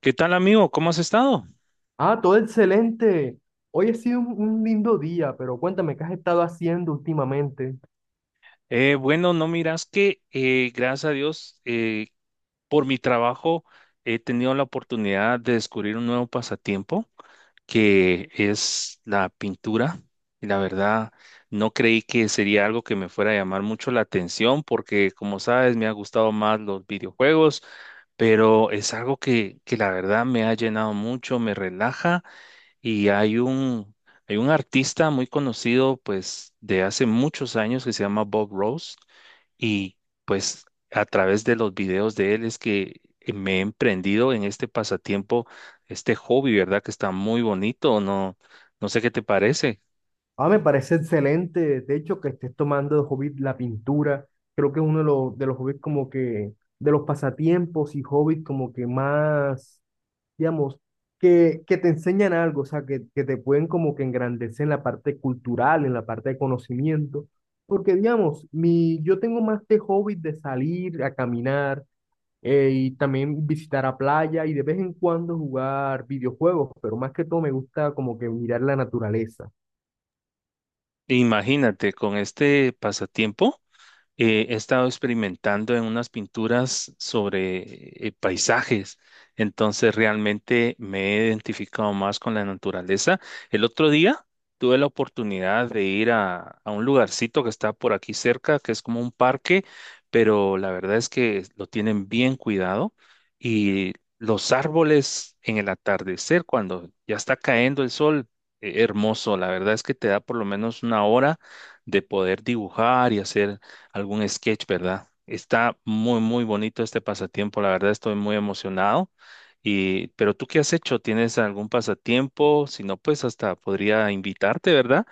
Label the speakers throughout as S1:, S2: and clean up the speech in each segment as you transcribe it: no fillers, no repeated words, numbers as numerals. S1: ¿Qué tal, amigo? ¿Cómo has estado?
S2: Ah, todo excelente. Hoy ha sido un lindo día, pero cuéntame qué has estado haciendo últimamente.
S1: Bueno, no miras que, gracias a Dios, por mi trabajo he tenido la oportunidad de descubrir un nuevo pasatiempo que es la pintura. Y la verdad, no creí que sería algo que me fuera a llamar mucho la atención porque, como sabes, me ha gustado más los videojuegos, pero es algo que la verdad me ha llenado mucho, me relaja. Y hay un, hay un artista muy conocido, pues, de hace muchos años que se llama Bob Ross. Y pues a través de los videos de él es que me he emprendido en este pasatiempo, este hobby, ¿verdad? Que está muy bonito. No, no sé qué te parece.
S2: Ah, me parece excelente. De hecho, que estés tomando de hobby la pintura. Creo que es uno de los hobbies como que, de los pasatiempos y hobbies como que más, digamos, que te enseñan algo, o sea, que te pueden como que engrandecer en la parte cultural, en la parte de conocimiento. Porque, digamos, yo tengo más de hobby de salir a caminar y también visitar a playa y de vez en cuando jugar videojuegos, pero más que todo me gusta como que mirar la naturaleza.
S1: Imagínate, con este pasatiempo. He estado experimentando en unas pinturas sobre paisajes, entonces realmente me he identificado más con la naturaleza. El otro día tuve la oportunidad de ir a un lugarcito que está por aquí cerca, que es como un parque, pero la verdad es que lo tienen bien cuidado, y los árboles en el atardecer, cuando ya está cayendo el sol, hermoso. La verdad es que te da por lo menos una hora de poder dibujar y hacer algún sketch, ¿verdad? Está muy, muy bonito este pasatiempo. La verdad estoy muy emocionado. Y, ¿pero tú qué has hecho? ¿Tienes algún pasatiempo? Si no, pues hasta podría invitarte, ¿verdad?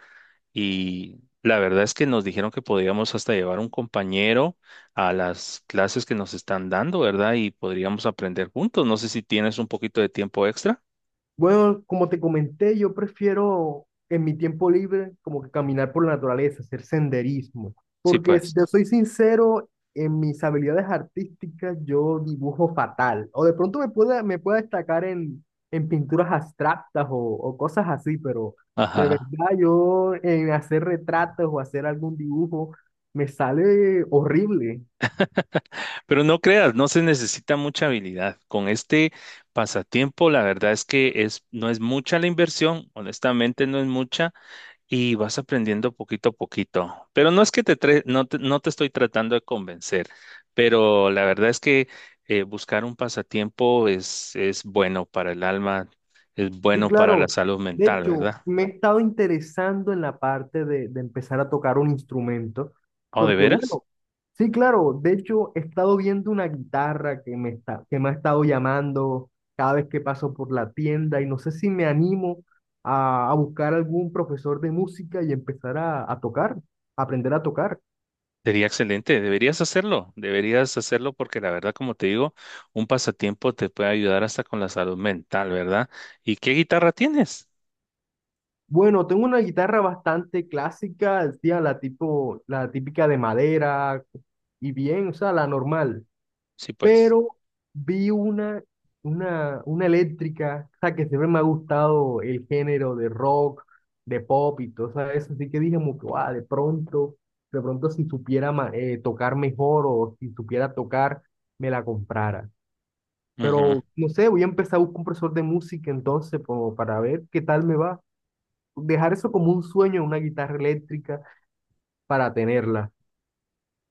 S1: Y la verdad es que nos dijeron que podríamos hasta llevar un compañero a las clases que nos están dando, ¿verdad? Y podríamos aprender juntos. No sé si tienes un poquito de tiempo extra.
S2: Bueno, como te comenté, yo prefiero en mi tiempo libre como que caminar por la naturaleza, hacer senderismo,
S1: Sí,
S2: porque si
S1: pues.
S2: te soy sincero, en mis habilidades artísticas yo dibujo fatal, o de pronto me pueda destacar en pinturas abstractas o cosas así, pero de
S1: Ajá.
S2: verdad yo en hacer retratos o hacer algún dibujo me sale horrible.
S1: Pero no creas, no se necesita mucha habilidad. Con este pasatiempo, la verdad es que es, no es mucha la inversión, honestamente no es mucha, y vas aprendiendo poquito a poquito. Pero no es que no te estoy tratando de convencer, pero la verdad es que buscar un pasatiempo es bueno para el alma, es
S2: Sí,
S1: bueno para la
S2: claro.
S1: salud
S2: De
S1: mental,
S2: hecho,
S1: ¿verdad?
S2: me he estado interesando en la parte de empezar a tocar un instrumento,
S1: ¿O de
S2: porque
S1: veras?
S2: bueno, sí, claro. De hecho, he estado viendo una guitarra que me está, que me ha estado llamando cada vez que paso por la tienda y no sé si me animo a buscar algún profesor de música y empezar a tocar, a aprender a tocar.
S1: Sería excelente, deberías hacerlo porque la verdad, como te digo, un pasatiempo te puede ayudar hasta con la salud mental, ¿verdad? ¿Y qué guitarra tienes?
S2: Bueno, tengo una guitarra bastante clásica, tía, la tipo, la típica de madera y bien, o sea, la normal.
S1: Sí, pues.
S2: Pero vi una, una eléctrica, o sea, que siempre me ha gustado el género de rock, de pop y todo eso, así que dije como que, "Guau, de pronto si supiera tocar mejor o si supiera tocar, me la comprara".
S1: Ujú.
S2: Pero no sé, voy a empezar a buscar un profesor de música entonces como para ver qué tal me va. Dejar eso como un sueño, una guitarra eléctrica para tenerla.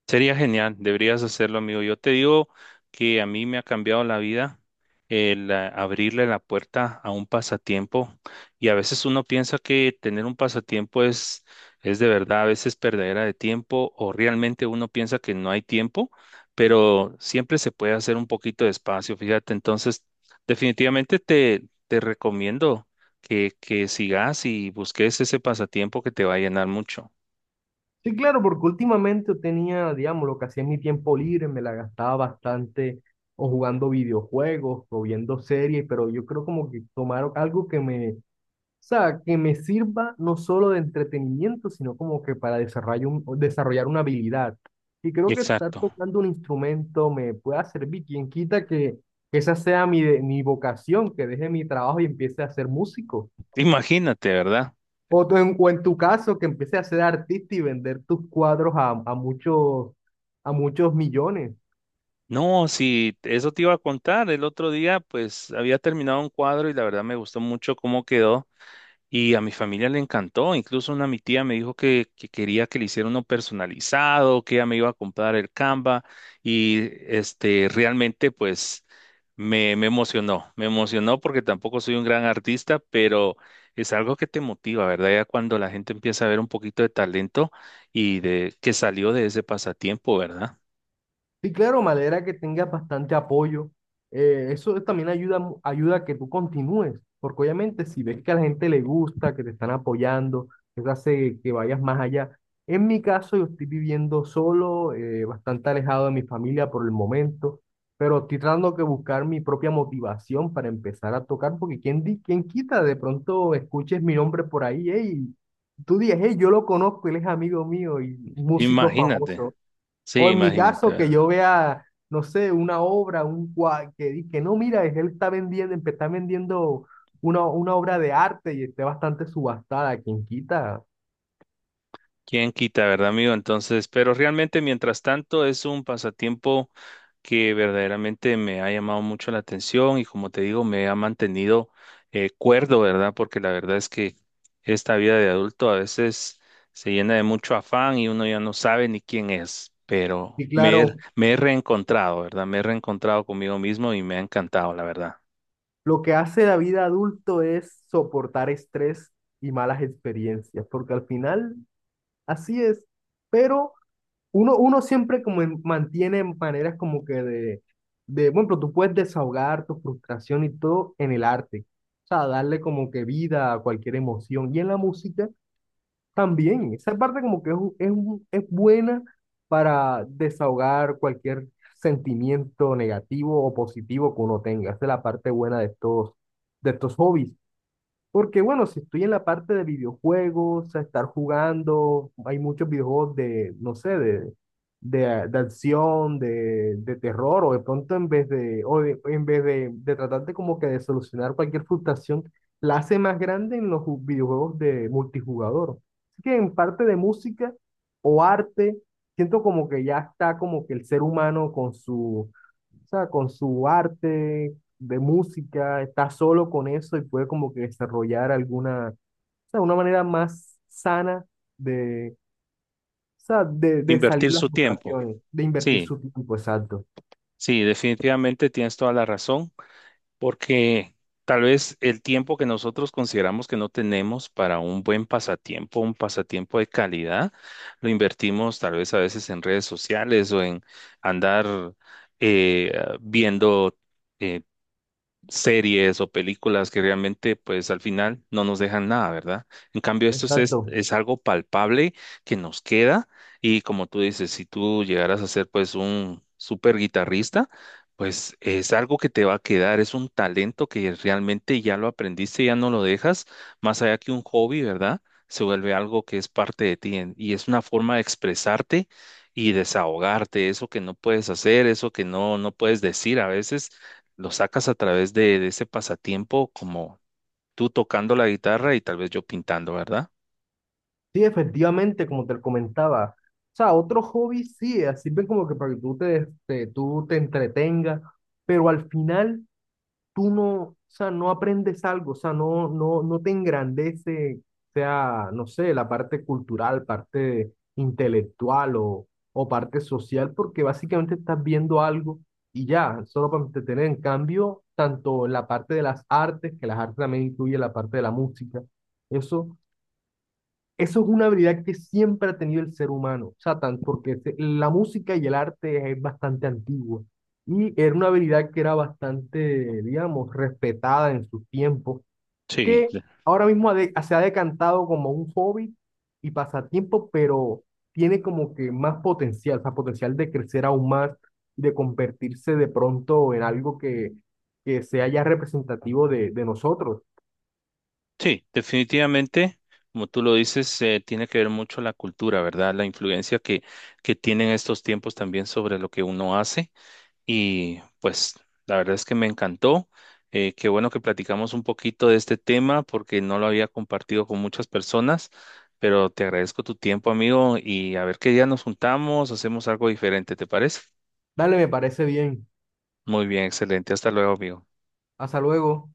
S1: Sería genial, deberías hacerlo, amigo. Yo te digo que a mí me ha cambiado la vida el abrirle la puerta a un pasatiempo. Y a veces uno piensa que tener un pasatiempo es de verdad a veces perdedera de tiempo, o realmente uno piensa que no hay tiempo, pero siempre se puede hacer un poquito de espacio, fíjate. Entonces, definitivamente te recomiendo que sigas y busques ese pasatiempo que te va a llenar mucho.
S2: Sí, claro, porque últimamente tenía, digamos, lo que hacía en mi tiempo libre, me la gastaba bastante o jugando videojuegos o viendo series, pero yo creo como que tomar algo que o sea, que me sirva no solo de entretenimiento, sino como que para desarrollar, desarrollar una habilidad. Y creo que estar
S1: Exacto.
S2: tocando un instrumento me pueda servir. Quien quita que esa sea mi vocación, que deje mi trabajo y empiece a ser músico.
S1: Imagínate, ¿verdad?
S2: O, o en tu caso, que empieces a ser artista y vender tus cuadros a muchos millones.
S1: No, sí, eso te iba a contar. El otro día, pues, había terminado un cuadro y la verdad me gustó mucho cómo quedó y a mi familia le encantó. Incluso una mi tía me dijo que quería que le hiciera uno personalizado, que ella me iba a comprar el Canva y, este, realmente, pues, me emocionó. Me emocionó porque tampoco soy un gran artista, pero es algo que te motiva, ¿verdad? Ya cuando la gente empieza a ver un poquito de talento y de que salió de ese pasatiempo, ¿verdad?
S2: Sí, claro, me alegra que tengas bastante apoyo. Eso también ayuda, ayuda a que tú continúes, porque obviamente si ves que a la gente le gusta, que te están apoyando, eso hace que vayas más allá. En mi caso, yo estoy viviendo solo, bastante alejado de mi familia por el momento, pero estoy tratando que buscar mi propia motivación para empezar a tocar, porque quién quita, de pronto escuches mi nombre por ahí, hey, tú dices, hey, yo lo conozco, él es amigo mío y músico
S1: Imagínate.
S2: famoso.
S1: Sí,
S2: O en mi
S1: imagínate,
S2: caso, que
S1: ¿verdad?
S2: yo vea, no sé, una obra, un cua- que, di- que no, mira, él está vendiendo, está vendiendo una obra de arte y esté bastante subastada, quien quita.
S1: ¿Quién quita, verdad, amigo? Entonces, pero realmente, mientras tanto, es un pasatiempo que verdaderamente me ha llamado mucho la atención y como te digo, me ha mantenido cuerdo, ¿verdad? Porque la verdad es que esta vida de adulto a veces se llena de mucho afán y uno ya no sabe ni quién es, pero
S2: Y claro,
S1: me he reencontrado, ¿verdad? Me he reencontrado conmigo mismo y me ha encantado, la verdad.
S2: lo que hace la vida adulto es soportar estrés y malas experiencias, porque al final así es. Pero uno siempre mantiene maneras como que bueno, pero tú puedes desahogar tu frustración y todo en el arte, o sea, darle como que vida a cualquier emoción y en la música también, esa parte como que es buena para desahogar cualquier sentimiento negativo o positivo que uno tenga, esa es la parte buena de de estos hobbies. Porque bueno, si estoy en la parte de videojuegos, a estar jugando, hay muchos videojuegos de, no sé, de acción, de terror, o de pronto en vez de tratarte como que de solucionar cualquier frustración, la hace más grande en los videojuegos de multijugador. Así que en parte de música o arte, siento como que ya está como que el ser humano con su, o sea, con su arte de música, está solo con eso y puede como que desarrollar alguna, o sea, una manera más sana de, o sea, de salir
S1: Invertir
S2: las
S1: su tiempo.
S2: frustraciones, de invertir
S1: Sí,
S2: su tiempo, exacto.
S1: sí, definitivamente tienes toda la razón. Porque tal vez el tiempo que nosotros consideramos que no tenemos para un buen pasatiempo, un pasatiempo de calidad, lo invertimos tal vez a veces en redes sociales o en andar eh, viendo eh, series o películas que realmente pues al final no nos dejan nada, ¿verdad? En cambio, esto
S2: Exacto.
S1: es algo palpable que nos queda y como tú dices, si tú llegaras a ser pues un super guitarrista, pues es algo que te va a quedar, es un talento que realmente ya lo aprendiste, ya no lo dejas, más allá que un hobby, ¿verdad? Se vuelve algo que es parte de y es una forma de expresarte y desahogarte, eso que no puedes hacer, eso que no, no puedes decir a veces lo sacas a través de ese pasatiempo como tú tocando la guitarra y tal vez yo pintando, ¿verdad?
S2: Sí, efectivamente, como te comentaba. O sea, otros hobbies sí, sirven como que para que tú te entretengas, pero al final tú no, o sea, no aprendes algo, o sea, no te engrandece, sea, no sé, la parte cultural, parte intelectual o parte social, porque básicamente estás viendo algo y ya, solo para entretener. En cambio, tanto la parte de las artes, que las artes también incluye la parte de la música, eso eso es una habilidad que siempre ha tenido el ser humano, o sea, la música y el arte es bastante antigua y era una habilidad que era bastante, digamos, respetada en su tiempo,
S1: Sí,
S2: que
S1: de-
S2: ahora mismo se ha decantado como un hobby y pasatiempo, pero tiene como que más potencial, o sea, potencial de crecer aún más, de convertirse de pronto en algo que sea ya representativo de nosotros.
S1: sí, definitivamente, como tú lo dices, tiene que ver mucho la cultura, ¿verdad? La influencia que tienen estos tiempos también sobre lo que uno hace. Y pues la verdad es que me encantó. Qué bueno que platicamos un poquito de este tema porque no lo había compartido con muchas personas, pero te agradezco tu tiempo, amigo, y a ver qué día nos juntamos, hacemos algo diferente, ¿te parece?
S2: Dale, me parece bien.
S1: Muy bien, excelente. Hasta luego, amigo.
S2: Hasta luego.